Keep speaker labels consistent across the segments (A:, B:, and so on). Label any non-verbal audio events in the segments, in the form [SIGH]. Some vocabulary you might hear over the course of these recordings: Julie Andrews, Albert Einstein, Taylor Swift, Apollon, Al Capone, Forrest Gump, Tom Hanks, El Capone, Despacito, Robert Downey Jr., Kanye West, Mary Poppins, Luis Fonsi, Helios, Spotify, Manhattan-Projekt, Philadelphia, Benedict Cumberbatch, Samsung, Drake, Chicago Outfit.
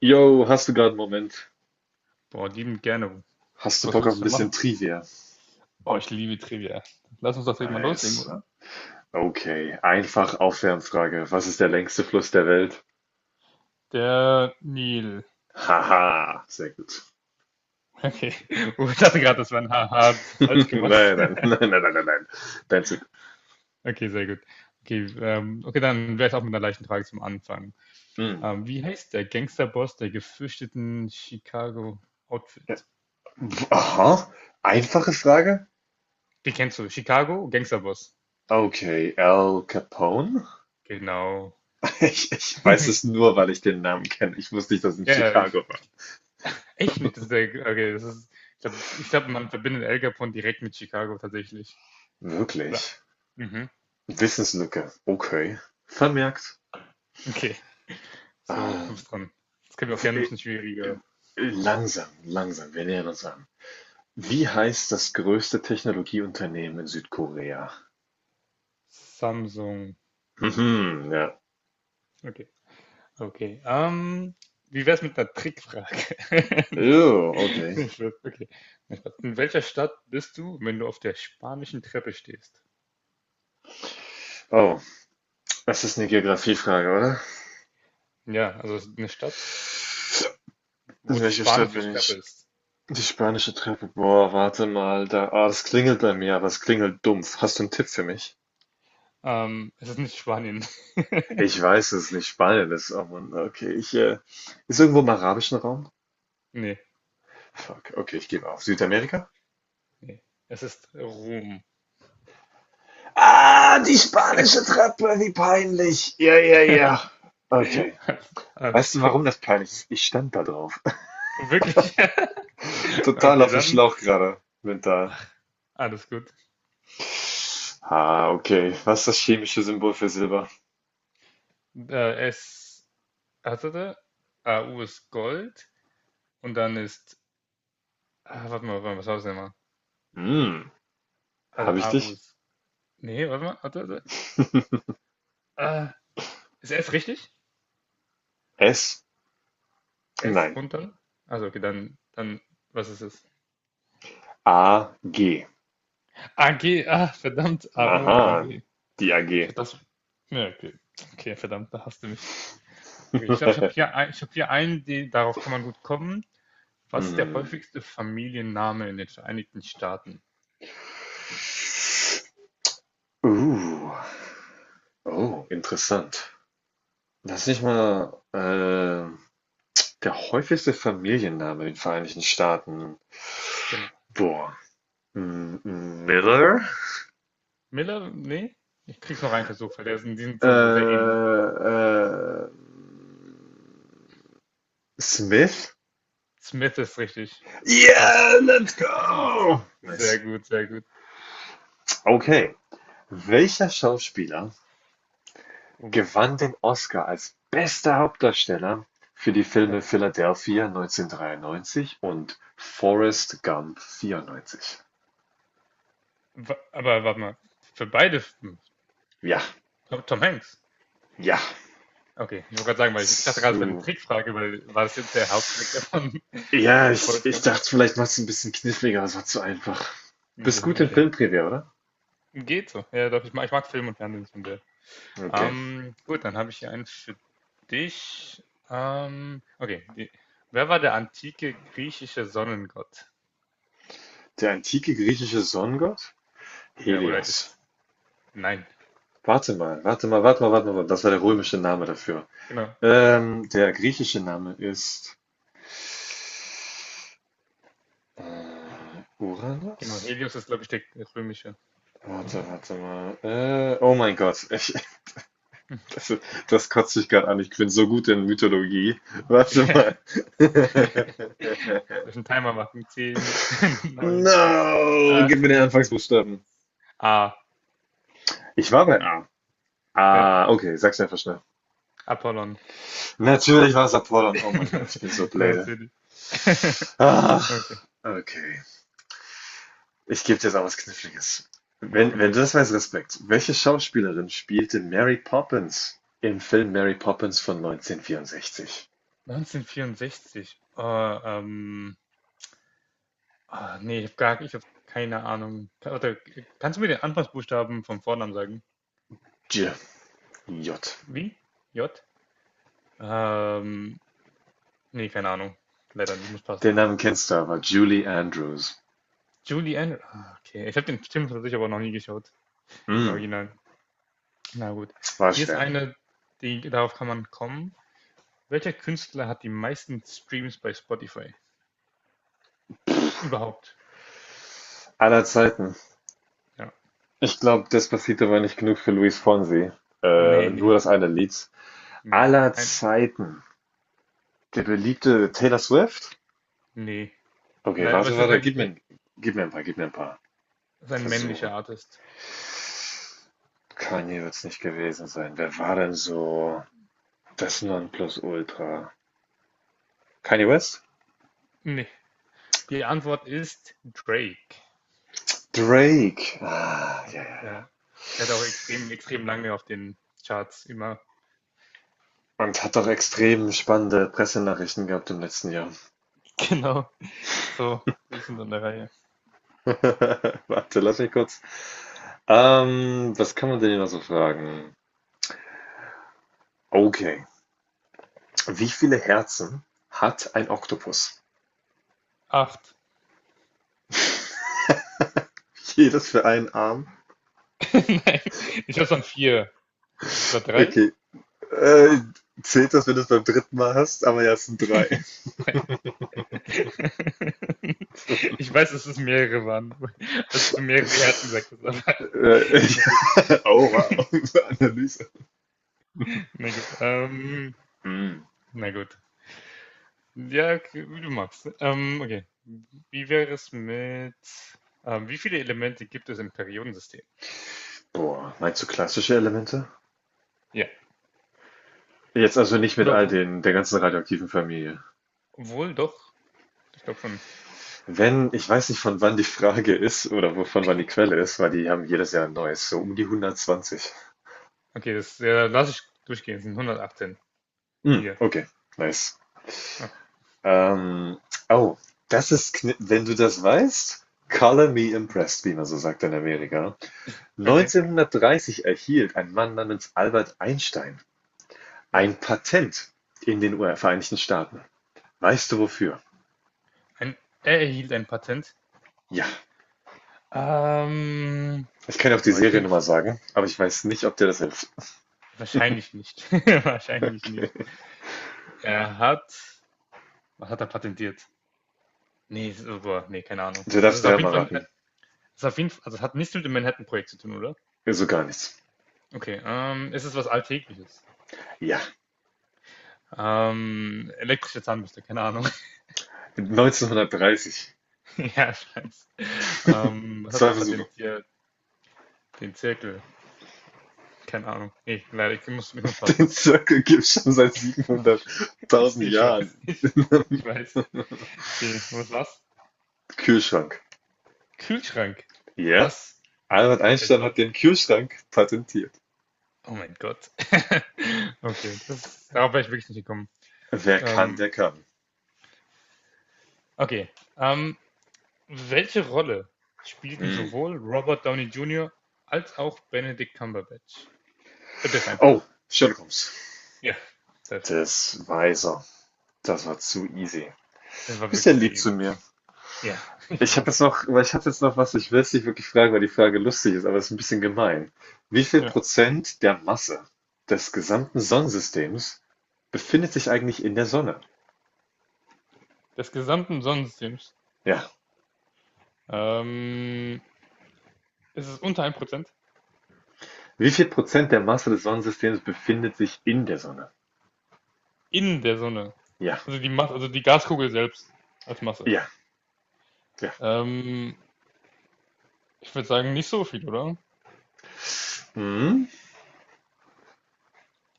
A: Yo, hast du gerade einen Moment?
B: Boah, liebend gerne.
A: Hast du
B: Was
A: Bock auf ein
B: willst du denn
A: bisschen
B: machen?
A: Trivia?
B: Boah, ich liebe Trivia. Lass uns das direkt mal loslegen,
A: Nice.
B: oder?
A: Okay, einfach Aufwärmfrage. Was ist der längste Fluss der Welt?
B: Der Nil.
A: Haha, sehr gut.
B: Okay. [LAUGHS] Oh, ich dachte gerade,
A: Okay.
B: das war ein Haha,
A: [LAUGHS] Nein,
B: falsch gemacht. [LAUGHS]
A: nein, nein, nein, nein, nein, nein. Dein Zug.
B: Okay, sehr gut. Okay, okay, dann wäre ich auch mit einer leichten Frage zum Anfang.
A: Hm.
B: Wie heißt der Gangsterboss der gefürchteten Chicago
A: Ja.
B: Outfit?
A: Aha, einfache Frage?
B: Die kennst du, Chicago Gangsterboss.
A: Okay, Al Capone? [LAUGHS]
B: Genau.
A: Ich weiß
B: [LAUGHS]
A: es nur, weil ich den Namen kenne. Ich wusste nicht, dass es in
B: Ja, ja,
A: Chicago war.
B: echt nicht. Das ist der, okay, das ist, ich glaub, man verbindet El Capone direkt mit Chicago tatsächlich. Oder?
A: Wirklich?
B: Mhm.
A: Wissenslücke. Okay. Vermerkt.
B: Okay, so, du
A: Ähm,
B: bist dran. Jetzt können wir auch gerne ein bisschen schwieriger.
A: Langsam, langsam, wir nähern uns an. Wie heißt das größte Technologieunternehmen in Südkorea?
B: Samsung.
A: Mhm, ja.
B: Okay, okay. Wie wär's mit einer Trickfrage? [LAUGHS]
A: Oh, okay.
B: Nee, Spaß, okay. Nee, Spaß. In welcher Stadt bist du, wenn du auf der spanischen Treppe stehst?
A: Oh, das ist eine Geografiefrage, oder?
B: Ja, also es ist eine Stadt,
A: In
B: wo die
A: welcher Stadt
B: spanische
A: bin
B: Treppe
A: ich?
B: ist.
A: Die spanische Treppe. Boah, warte mal, da. Ah, das klingelt bei mir, aber es klingelt dumpf. Hast du einen Tipp für mich?
B: Es ist nicht Spanien. [LAUGHS]
A: Ich weiß, es nicht Spanien ist, oh Mann. Okay, ich, ist irgendwo im arabischen Raum?
B: Nee,
A: Fuck, okay, ich gebe auf. Südamerika?
B: nee. Es ist Rom.
A: Ah, die spanische Treppe, wie peinlich. Ja, ja, ja.
B: [LAUGHS]
A: Okay.
B: Alles, alles
A: Weißt du,
B: gut.
A: warum das peinlich ist? Ich stand da drauf.
B: Wirklich? [LAUGHS]
A: [LAUGHS] Total
B: Okay,
A: auf dem
B: dann
A: Schlauch gerade, mental.
B: alles gut.
A: Ah, okay. Was ist das chemische Symbol für Silber?
B: S, hatte der? A U ist Gold und dann ist, warte mal, was war das denn mal?
A: Hm,
B: Hatte
A: habe ich
B: A U
A: dich?
B: ist, nee, warte mal, hatte der?
A: [LAUGHS]
B: Ah, Ist S richtig?
A: S?
B: S
A: Nein.
B: und dann? Also okay, dann, was ist es?
A: A, G.
B: AG, verdammt, A U und A
A: Aha,
B: G.
A: die
B: Ich
A: AG.
B: hätte das, ja, okay, okay, verdammt, da hast du mich. Okay, ich glaube,
A: [LAUGHS]
B: ich habe hier einen, darauf kann man gut kommen. Was ist der
A: Hm.
B: häufigste Familienname in den Vereinigten Staaten?
A: Uh, oh, interessant. Das ist nicht mal der häufigste Familienname in den Vereinigten Staaten.
B: Genau.
A: Boah. Miller?
B: Miller, nee, ich krieg's noch rein versucht, weil die sind
A: Äh,
B: so sehr ähnlich.
A: äh, Smith?
B: Smith ist richtig krass.
A: Yeah, let's
B: [LAUGHS]
A: go!
B: Sehr
A: Nice.
B: gut, sehr gut.
A: Okay. Welcher Schauspieler
B: Oh,
A: gewann den Oscar als bester Hauptdarsteller für die
B: ja.
A: Filme Philadelphia 1993 und Forrest Gump 94?
B: Aber warte mal, für beide,
A: Ja,
B: Tom Hanks.
A: ja.
B: Okay, ich wollte gerade sagen, weil ich dachte gerade, es wäre eine
A: Zu.
B: Trickfrage, weil war das jetzt der Hauptcharakter von
A: Ja,
B: [LAUGHS]
A: ich,
B: Forrest
A: ich
B: Gump?
A: dachte, vielleicht machst du ein bisschen kniffliger, aber es war zu einfach. Bist
B: Okay,
A: gut in
B: okay.
A: Filmtrivia, oder?
B: Geht so. Ja, doch, ich mag Film und Fernsehen schon sehr.
A: Okay.
B: Gut, dann habe ich hier einen für dich. Okay, wer war der antike griechische Sonnengott?
A: Der antike griechische Sonnengott?
B: Ja, oder
A: Helios.
B: ist. Nein,
A: Warte mal, warte mal, warte mal, warte mal. Das war der römische Name dafür.
B: genau.
A: Der griechische Name ist
B: Genau,
A: Uranus?
B: Helios ist, glaube ich, der römische.
A: Warte, warte mal. Oh mein Gott, [LAUGHS] ich,
B: [LAUGHS]
A: das, das kotzt mich gerade an. Ich bin so gut in Mythologie. Warte
B: Ja.
A: mal.
B: [LAUGHS]
A: [LAUGHS]
B: Müssen Timer machen. 10, [LAUGHS] neun,
A: No, gib
B: acht.
A: mir den Anfangsbuchstaben.
B: Ah,
A: Ich war bei A.
B: ja,
A: Ah, okay, sag's einfach schnell.
B: Apollon.
A: Natürlich war es Apollon. Oh
B: [LAUGHS]
A: mein Gott,
B: Das-
A: ich bin so
B: Na,
A: blöde.
B: natürlich. [LAUGHS]
A: Ah,
B: Okay,
A: okay. Ich gebe dir jetzt auch was Kniffliges. Wenn du
B: okay.
A: das weißt, Respekt. Welche Schauspielerin spielte Mary Poppins im Film Mary Poppins von 1964?
B: 1964. Oh, ähm, nee, ich habe keine Ahnung. Oder, kannst du mir den Anfangsbuchstaben vom Vornamen sagen?
A: J. J.
B: Wie? J? Ähm, Nee, keine Ahnung. Leider, muss
A: Den
B: passen.
A: Namen kennst du aber, Julie Andrews.
B: Julie Andrews. Okay. Ich habe den Film tatsächlich aber noch nie geschaut, den
A: Hm,
B: Original. Na gut.
A: war
B: Hier ist
A: schwer.
B: eine, die, darauf kann man kommen. Welcher Künstler hat die meisten Streams bei Spotify? Überhaupt.
A: Aller Zeiten.
B: Ja.
A: Ich glaube, Despacito war nicht genug für Luis Fonsi.
B: Nee,
A: Nur
B: nee,
A: das eine Lied.
B: nee.
A: Aller Zeiten. Der beliebte Taylor Swift?
B: Nee.
A: Okay,
B: Leider, aber
A: warte,
B: es ist
A: warte,
B: es
A: gib mir ein paar, gib mir ein paar
B: ist ein männlicher
A: Versuche.
B: Artist.
A: Kanye wird es nicht gewesen sein. Wer war denn so das Nonplusultra? Kanye West?
B: Nee. Die Antwort ist Drake.
A: Drake. Ah,
B: Ja.
A: ja, ja, ja.
B: Ja. Der hat auch extrem, extrem lange auf den Charts immer.
A: Und hat doch
B: So.
A: extrem spannende Pressenachrichten gehabt im letzten Jahr.
B: Genau. So. Die sind an der Reihe.
A: [LAUGHS] Warte, lass mich kurz. Was kann man denn hier noch so fragen? Okay. Wie viele Herzen hat ein Oktopus?
B: Acht.
A: [LAUGHS] Jedes für einen Arm.
B: [LAUGHS] Nein. Ich hab's an vier. Oder drei?
A: Okay. Äh, zählt das, wenn du es beim dritten Mal hast? Aber ja, es sind
B: [LAUGHS]
A: drei.
B: Drei. [LAUGHS] Ich weiß, dass es mehrere waren, als du mehrere Herzen gesagt
A: [LAUGHS]
B: hast, aber
A: Äh,
B: [LAUGHS] na gut.
A: [LAUGHS] oh, wow.
B: [LAUGHS]
A: [LAUGHS] Analyse.
B: Na gut.
A: Hm.
B: Na gut. Ja, okay, wie du magst. Okay. Wie wäre es mit, wie viele Elemente gibt es im Periodensystem?
A: Boah, meinst du klassische Elemente?
B: Ja.
A: Jetzt also nicht mit
B: Oder
A: all den, der ganzen radioaktiven Familie.
B: wohl doch? Ich glaube schon.
A: Wenn, ich weiß nicht, von wann die Frage ist oder wo- von wann die Quelle ist, weil die haben jedes Jahr ein neues, so um die 120.
B: Okay, das ja, lass ich durchgehen. Es sind 118.
A: Hm,
B: Hier.
A: okay, nice.
B: Okay.
A: Ähm, oh, das ist, kn- wenn du das weißt, color me impressed, wie man so sagt in Amerika.
B: Okay.
A: 1930 erhielt ein Mann namens Albert Einstein
B: Ja.
A: ein Patent in den Vereinigten Staaten. Weißt du wofür?
B: Ein, Er erhielt ein Patent.
A: Ja.
B: Ähm,
A: Ich kann dir auch die
B: Boah, ich kann mir
A: Seriennummer sagen, aber ich weiß nicht, ob dir das hilft. [LAUGHS]
B: wahrscheinlich nicht. [LAUGHS] Wahrscheinlich nicht.
A: Okay.
B: Er hat Was hat er patentiert? Ne, so boah, ne, keine Ahnung.
A: Du
B: Also,
A: darfst
B: es ist auf jeden
A: dreimal
B: Fall,
A: raten.
B: ist auf jeden Fall, also, es hat nichts mit dem Manhattan-Projekt zu tun, oder?
A: So gar nichts.
B: Okay, ist es ist was Alltägliches?
A: Ja.
B: Elektrische Zahnbürste, keine Ahnung. [LAUGHS]
A: 1930.
B: Ja, ich weiß.
A: [LAUGHS]
B: Was hat er
A: Zwei Versuche.
B: patentiert? Den Zirkel, keine Ahnung. Ne, leider, ich muss passen.
A: Den Circle gibt es schon seit
B: [LAUGHS]
A: 700.000
B: Ich
A: Jahren.
B: weiß, ich weiß. Okay, was war's?
A: Kühlschrank.
B: Kühlschrank.
A: Ja.
B: Was?
A: Albert Einstein
B: Also,
A: hat den Kühlschrank patentiert.
B: oh mein Gott. [LAUGHS] Okay, darauf wäre ich wirklich nicht gekommen.
A: Wer kann,
B: Ähm,
A: der kann.
B: okay. Ähm, Welche Rolle spielten
A: Mm.
B: sowohl Robert Downey Jr. als auch Benedict Cumberbatch? Ich hab das
A: Oh,
B: einfach.
A: Sherlock Holmes.
B: Ja, perfekt.
A: Das weiß er. Das war zu easy.
B: Das
A: Du
B: war
A: bist ja
B: wirklich sehr
A: lieb zu
B: easy.
A: mir.
B: Ja, [LAUGHS] ich
A: Ich habe jetzt
B: weiß.
A: noch, weil ich hatte jetzt noch was, ich will es nicht wirklich fragen, weil die Frage lustig ist, aber es ist ein bisschen gemein. Wie viel
B: Ja.
A: Prozent der Masse des gesamten Sonnensystems befindet sich eigentlich in der Sonne?
B: Des gesamten Sonnensystems.
A: Ja.
B: Ähm, ist es ist unter 1%
A: Wie viel Prozent der Masse des Sonnensystems befindet sich in der Sonne?
B: in der Sonne.
A: Ja,
B: Also die Masse, also die Gaskugel selbst als Masse.
A: ja, ja.
B: Ähm, Ich würde sagen, nicht so viel, oder?
A: Hm?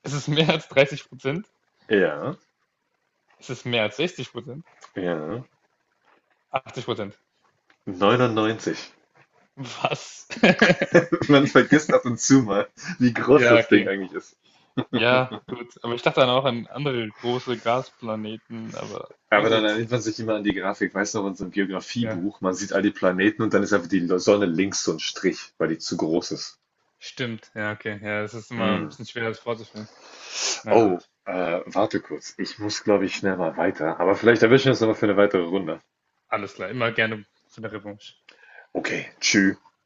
B: Es ist mehr als 30%?
A: Ja,
B: Ist es mehr als 60%?
A: ja.
B: 80%?
A: 99.
B: Was?
A: [LAUGHS]
B: [LAUGHS]
A: Man vergisst ab und zu mal, wie groß
B: Ja,
A: das Ding
B: okay.
A: eigentlich ist.
B: Ja, gut. Aber ich dachte dann auch an andere große Gasplaneten, aber na
A: Aber dann
B: gut.
A: erinnert man sich immer an die Grafik, weißt du, noch, in so einem
B: Ja,
A: Geografiebuch, man sieht all die Planeten und dann ist einfach die Sonne links so ein Strich, weil die zu groß ist.
B: stimmt. Ja, okay. Ja, es ist immer
A: Hm.
B: ein bisschen schwer, das vorzustellen. Na
A: Oh,
B: gut.
A: warte kurz. Ich muss, glaube ich, schnell mal weiter. Aber vielleicht erwischen wir uns nochmal für eine weitere Runde.
B: Alles klar. Immer gerne für eine Revanche.
A: Okay, tschüss.